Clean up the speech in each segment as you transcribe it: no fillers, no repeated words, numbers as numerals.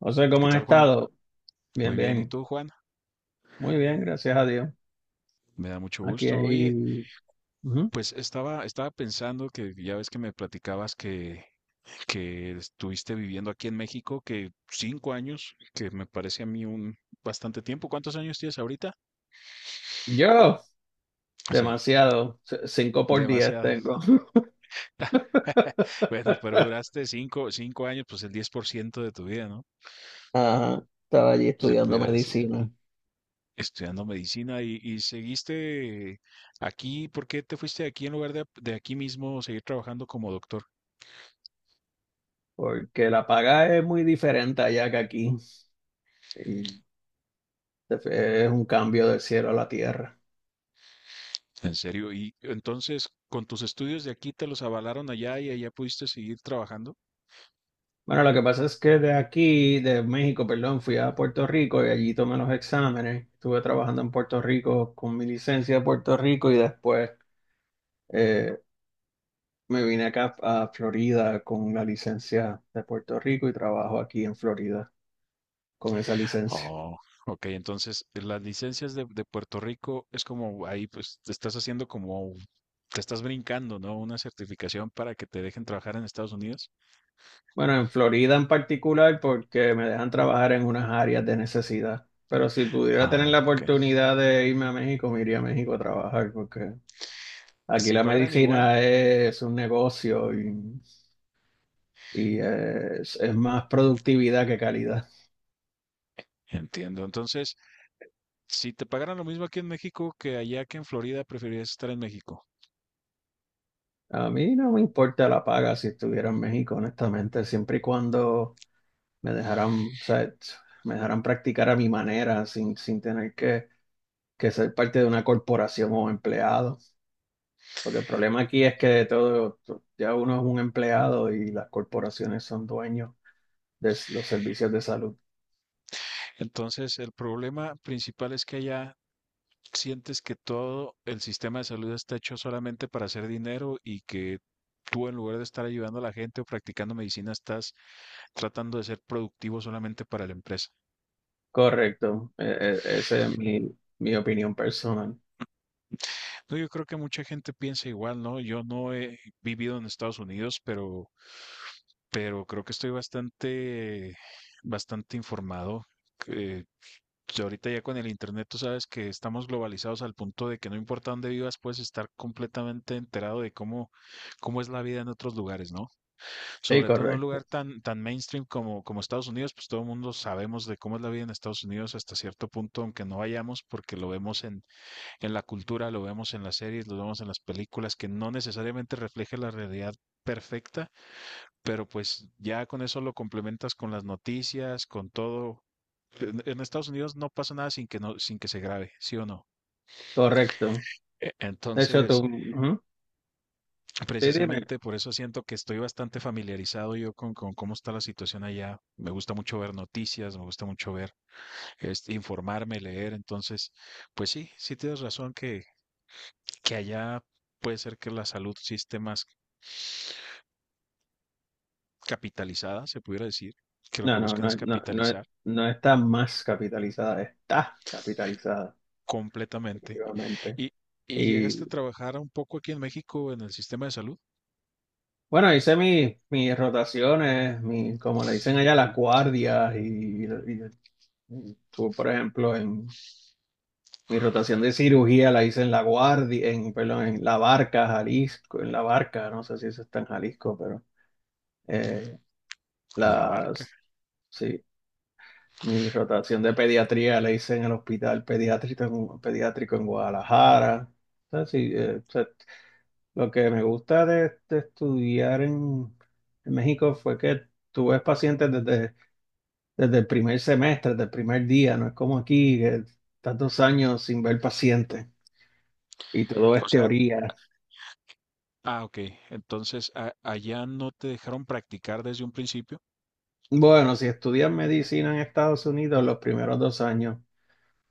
José, ¿Qué ¿cómo has tal, Juan? estado? Bien, Muy bien, ¿y bien, tú, Juan? muy bien, gracias a Dios. Me da mucho Aquí gusto. Oye, hay. Ujú. pues estaba pensando que ya ves que me platicabas que estuviste viviendo aquí en México, que 5 años, que me parece a mí un bastante tiempo. ¿Cuántos años tienes ahorita? Yo, Sí, demasiado, cinco por diez demasiado. tengo. Bueno, pero duraste cinco años, pues el 10% de tu vida, ¿no? Ajá, estaba allí Se estudiando pudiera decir, medicina, estudiando medicina y seguiste aquí. ¿Por qué te fuiste de aquí en lugar de aquí mismo seguir trabajando como doctor? porque la paga es muy diferente allá que aquí. Y es un cambio del cielo a la tierra. En serio, y entonces con tus estudios de aquí te los avalaron allá y allá pudiste seguir trabajando. Bueno, lo que pasa es que de aquí, de México, perdón, fui a Puerto Rico y allí tomé los exámenes. Estuve trabajando en Puerto Rico con mi licencia de Puerto Rico y después. eh, Me vine acá a Florida con una licencia de Puerto Rico y trabajo aquí en Florida con esa licencia. Oh, ok, entonces las licencias de Puerto Rico es como ahí pues te estás haciendo como te estás brincando, ¿no? Una certificación para que te dejen trabajar en Estados Unidos. Bueno, en Florida en particular porque me dejan trabajar en unas áreas de necesidad. Pero si pudiera tener Ah, la ok. oportunidad de irme a México, me iría a México a trabajar porque aquí Si la pagaran igual, medicina es un negocio y es más productividad que calidad. entiendo. Entonces, si te pagaran lo mismo aquí en México que allá que en Florida, preferirías estar en México. A mí no me importa la paga si estuviera en México, honestamente, siempre y cuando me dejaran, o sea, me dejaran practicar a mi manera, sin tener que ser parte de una corporación o empleado. Porque el problema aquí es que de todo, ya uno es un empleado y las corporaciones son dueños de los servicios de salud. Entonces, el problema principal es que allá sientes que todo el sistema de salud está hecho solamente para hacer dinero y que tú en lugar de estar ayudando a la gente o practicando medicina estás tratando de ser productivo solamente para la empresa. Correcto, esa es mi opinión personal. No, yo creo que mucha gente piensa igual, ¿no? Yo no he vivido en Estados Unidos, pero creo que estoy bastante, bastante informado. eh, que ahorita ya con el internet tú sabes que estamos globalizados al punto de que no importa dónde vivas, puedes estar completamente enterado de cómo, cómo es la vida en otros lugares, ¿no? Sí, Sobre todo en un correcto, lugar tan, tan mainstream como, como Estados Unidos, pues todo el mundo sabemos de cómo es la vida en Estados Unidos hasta cierto punto, aunque no vayamos, porque lo vemos en la cultura, lo vemos en las series, lo vemos en las películas, que no necesariamente refleja la realidad perfecta, pero pues ya con eso lo complementas con las noticias, con todo. En Estados Unidos no pasa nada sin que no, sin que se grabe, ¿sí o no? correcto. De hecho, tú, Entonces, ujú. Sí, dime. precisamente por eso siento que estoy bastante familiarizado yo con cómo está la situación allá. Me gusta mucho ver noticias, me gusta mucho ver, este, informarme, leer. Entonces, pues sí, sí tienes razón que allá puede ser que la salud sí esté más capitalizada, se pudiera decir, que lo que No, no, buscan es no, no, no, capitalizar no está más capitalizada, está capitalizada, completamente. definitivamente. ¿Y, y Y llegaste a trabajar un poco aquí en México en el sistema de salud? bueno, hice mis rotaciones, mi, como le dicen allá, las guardias. Y y tú, por ejemplo, en mi rotación de cirugía la hice en la guardia, en, perdón, en La Barca, Jalisco, en La Barca, no sé si eso está en Jalisco, pero eh, La barca. las, sí, mi rotación de pediatría la hice en el hospital pediátrico, pediátrico en Guadalajara. O sea, sí, lo que me gusta de estudiar en México fue que tú ves pacientes desde, desde el primer semestre, desde el primer día. No es como aquí, que estás 2 años sin ver pacientes y todo O es sea, teoría. ah, ok. Entonces, allá no te dejaron practicar desde un principio. Bueno, si estudias medicina en Estados Unidos, los primeros 2 años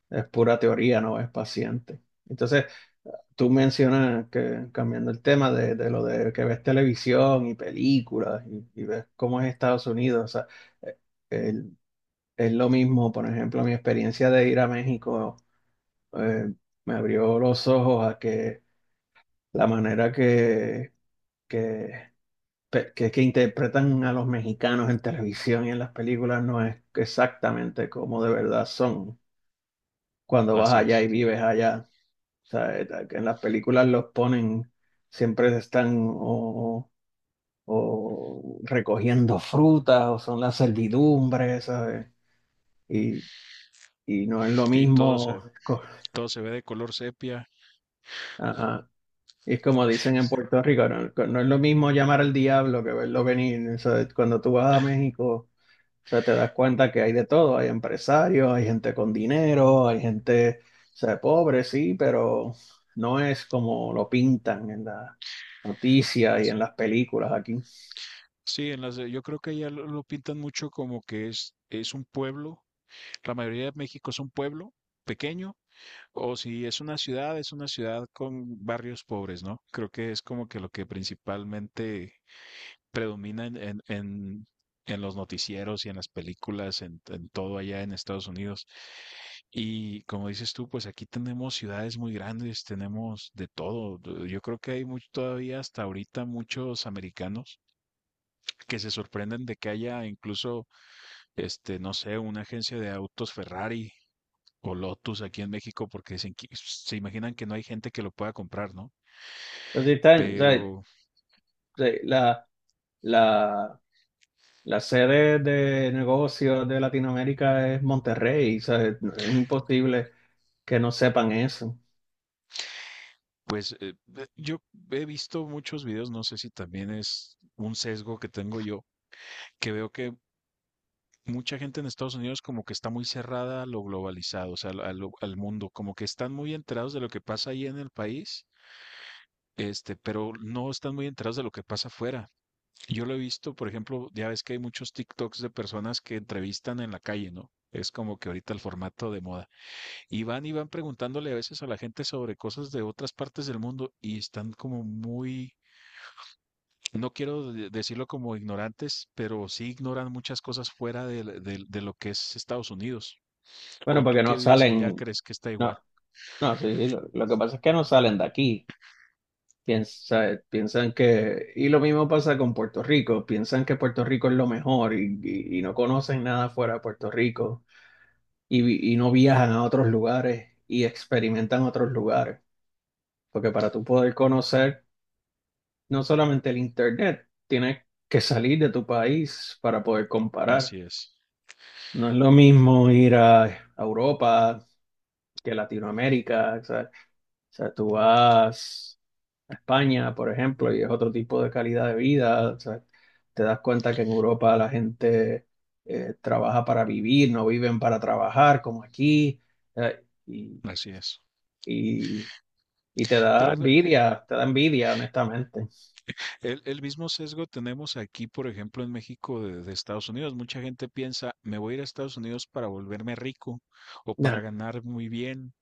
es pura teoría, no ves pacientes. Entonces, tú mencionas que, cambiando el tema de lo de que ves televisión y películas y ves cómo es Estados Unidos, o sea, eh, es lo mismo, por ejemplo, mi experiencia de ir a México. eh, Me abrió los ojos a que la manera que, que interpretan a los mexicanos en televisión y en las películas no es exactamente como de verdad son cuando vas Así allá y es. vives allá. O sea, que en las películas los ponen, siempre están o recogiendo frutas o son la servidumbre, ¿sabes? Y, y no es lo Y mismo. Todo se ve de color sepia. a- Y es como dicen en Puerto Rico, no, no es lo mismo llamar al diablo que verlo venir. O sea, cuando tú vas a México, o sea, te das cuenta que hay de todo. Hay empresarios, hay gente con dinero, hay gente, o sea, pobre, sí, pero no es como lo pintan en las noticias y en las películas aquí. Entonces, Sí, en las, yo creo que allá lo pintan mucho como que es un pueblo. La mayoría de México es un pueblo pequeño, o si es una ciudad, es una ciudad con barrios pobres, ¿no? Creo que es como que lo que principalmente predomina en, en los noticieros y en las películas, en todo allá en Estados Unidos. Y como dices tú, pues aquí tenemos ciudades muy grandes, tenemos de todo. Yo creo que hay mucho, todavía hasta ahorita muchos americanos que se sorprenden de que haya incluso, este, no sé, una agencia de autos Ferrari o Lotus aquí en México porque dicen se imaginan que no hay gente que lo pueda comprar, ¿no? si están, o sea, Pero de- la, la, la sede de negocios de Latinoamérica es Monterrey. O sea, es imposible que no sepan eso. pues yo he visto muchos videos, no sé si también es un sesgo que tengo yo, que veo que mucha gente en Estados Unidos como que está muy cerrada a lo globalizado, o sea, al, al mundo, como que están muy enterados de lo que pasa ahí en el país, este, pero no están muy enterados de lo que pasa afuera. Yo lo he visto, por ejemplo, ya ves que hay muchos TikToks de personas que entrevistan en la calle, ¿no? Es como que ahorita el formato de moda. Y van preguntándole a veces a la gente sobre cosas de otras partes del mundo y están como muy, no quiero decirlo como ignorantes, pero sí ignoran muchas cosas fuera de lo que es Estados Unidos. Bueno, O tú porque que no vives allá salen, crees que está no, igual. no, sí, lo que pasa es que no salen de aquí. Piensan que, y lo mismo pasa con Puerto Rico, piensan que Puerto Rico es lo mejor y no conocen nada fuera de Puerto Rico y no viajan a otros lugares y experimentan otros lugares. Porque para tú poder conocer no solamente el Internet, tienes que salir de tu país para poder comparar. Así es, No es lo mismo ir a Europa que Latinoamérica, ¿sabes? O sea, tú vas a España, por ejemplo, y es otro tipo de calidad de vida. O sea, te das cuenta que en Europa la gente trabaja para vivir, no viven para trabajar, como aquí. Eh, y, así es. y- y Pero es te da envidia, honestamente. El mismo sesgo tenemos aquí, por ejemplo, en México de Estados Unidos. Mucha gente piensa, me voy a ir a Estados Unidos para volverme rico o para Nah. ganar muy bien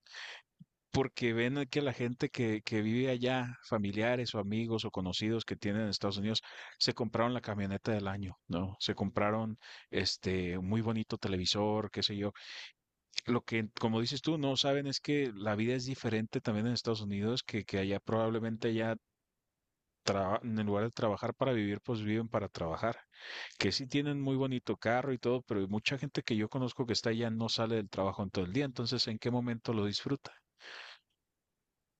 porque ven que la gente que vive allá, familiares o amigos o conocidos que tienen en Estados Unidos, se compraron la camioneta del año, ¿no? Se compraron este un muy bonito televisor, qué sé yo. Lo que, como dices tú, no saben es que la vida es diferente también en Estados Unidos, que allá probablemente ya en lugar de trabajar para vivir, pues viven para trabajar. Que sí tienen muy bonito carro y todo, pero mucha gente que yo conozco que está allá no sale del trabajo en todo el día, entonces ¿en qué momento lo disfruta?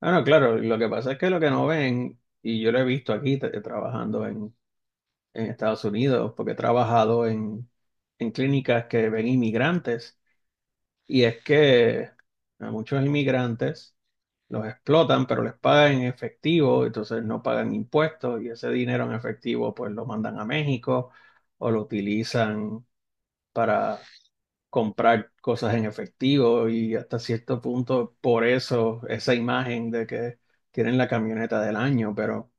Ah, no, claro, lo que pasa es que lo que no ven, y yo lo he visto aquí trabajando en Estados Unidos, porque he trabajado en clínicas que ven inmigrantes. Y es que a muchos inmigrantes los explotan, pero les pagan en efectivo, entonces no pagan impuestos y ese dinero en efectivo pues lo mandan a México o lo utilizan para comprar cosas en efectivo y hasta cierto punto por eso esa imagen de que tienen la camioneta del año, pero,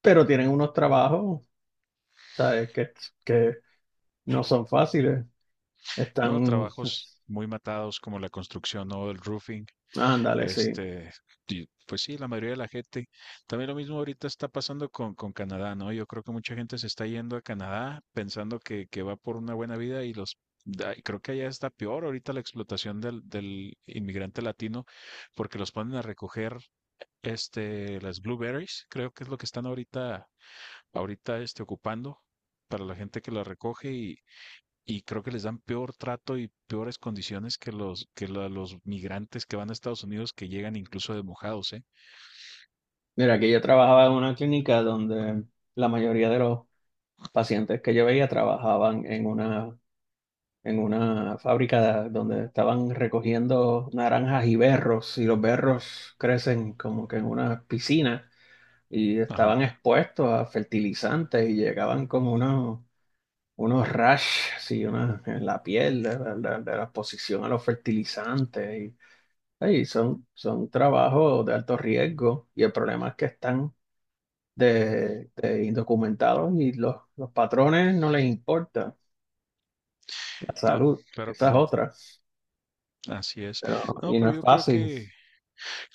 pero tienen unos trabajos, ¿sabes? Que no son fáciles, No, están, trabajos muy matados como la construcción o el roofing. ándale, sí. Este, y, pues sí, la mayoría de la gente. También lo mismo ahorita está pasando con Canadá, ¿no? Yo creo que mucha gente se está yendo a Canadá pensando que va por una buena vida y los y creo que allá está peor ahorita la explotación del, del inmigrante latino porque los ponen a recoger este las blueberries, creo que es lo que están ahorita este ocupando para la gente que las recoge y creo que les dan peor trato y peores condiciones que los que los migrantes que van a Estados Unidos que llegan incluso de mojados, ¿eh? Mira, que yo trabajaba en una clínica donde la mayoría de los pacientes que yo veía trabajaban en una fábrica donde estaban recogiendo naranjas y berros, y los berros crecen como que en una piscina y Ajá. estaban expuestos a fertilizantes y llegaban como unos, unos rash, sí una, en la piel de la exposición a los fertilizantes. Y, ay, son, son trabajos de alto riesgo y el problema es que están de indocumentados y los patrones no les importa la No, salud. claro que Esa es no. otra, Así es. pero No, y pero no es yo fácil.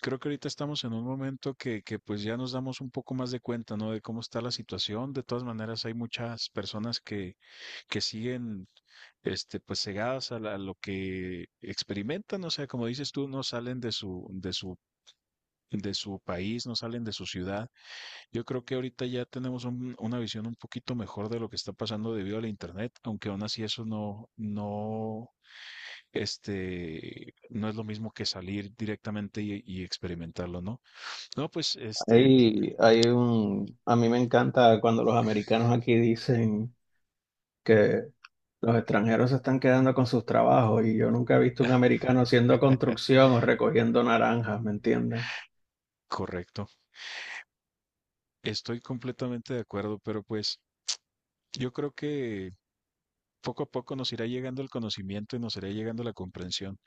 creo que ahorita estamos en un momento que pues ya nos damos un poco más de cuenta, ¿no? De cómo está la situación. De todas maneras, hay muchas personas que siguen este pues cegadas a, a lo que experimentan, o sea, como dices tú, no salen de su de su país, no salen de su ciudad. Yo creo que ahorita ya tenemos una visión un poquito mejor de lo que está pasando debido al internet, aunque aún así eso no, no, este, no es lo mismo que salir directamente y experimentarlo, ¿no? No, pues, este, Hay un, a mí me encanta cuando los americanos aquí dicen que los extranjeros se están quedando con sus trabajos y yo nunca he visto un americano haciendo construcción o recogiendo naranjas, ¿me entienden? correcto. Estoy completamente de acuerdo, pero pues yo creo que poco a poco nos irá llegando el conocimiento y nos irá llegando la comprensión.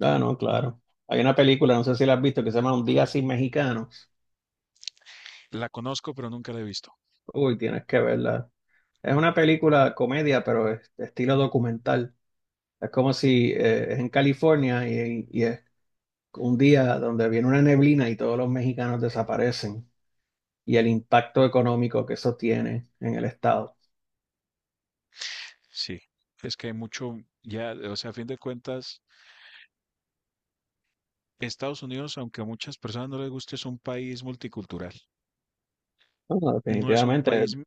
Ah, no, claro. Hay una película, no sé si la has visto, que se llama Un día sin mexicanos. La conozco, pero nunca la he visto. Uy, tienes que verla. Es una película comedia, pero es de estilo documental. Es como si es en California y es un día donde viene una neblina y todos los mexicanos desaparecen y el impacto económico que eso tiene en el estado. Sí, es que hay mucho, ya, o sea, a fin de cuentas. Estados Unidos, aunque a muchas personas no les guste, es un país multicultural. Bueno, No es un definitivamente, país,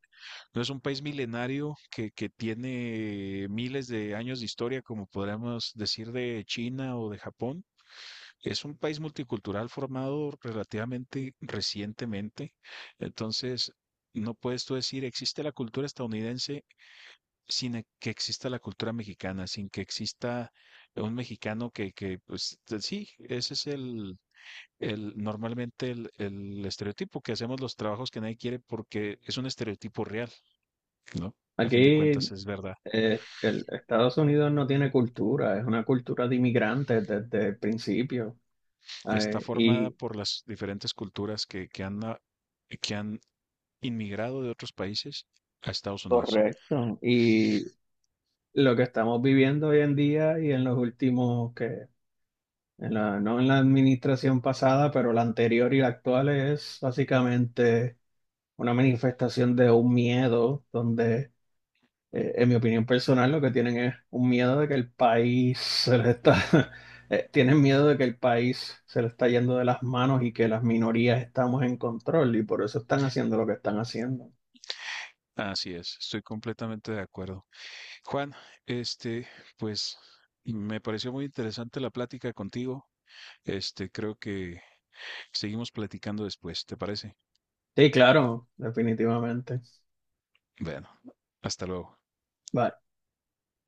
no es un país milenario que tiene miles de años de historia, como podríamos decir de China o de Japón. Es un país multicultural formado relativamente recientemente. Entonces, no puedes tú decir existe la cultura estadounidense sin que exista la cultura mexicana, sin que exista un mexicano que pues sí, ese es el, normalmente el estereotipo que hacemos los trabajos que nadie quiere porque es un estereotipo real, ¿no? A fin de cuentas aquí es verdad. El Estados Unidos no tiene cultura, es una cultura de inmigrantes desde el principio. Está eh, formada y por las diferentes culturas que han, que han inmigrado de otros países a Estados Unidos. Correcto. Y lo que estamos viviendo hoy en día y en los últimos que, no en la administración pasada, pero la anterior y la actual es básicamente una manifestación de un miedo donde, en mi opinión personal, lo que tienen es un miedo de que el país se les está, tienen miedo de que el país se le está yendo de las manos y que las minorías estamos en control y por eso están haciendo lo que están haciendo. Así es, estoy completamente de acuerdo. Juan, este, pues me pareció muy interesante la plática contigo. Este, creo que seguimos platicando después, ¿te parece? Sí, claro, definitivamente. Bueno, hasta luego. Vale.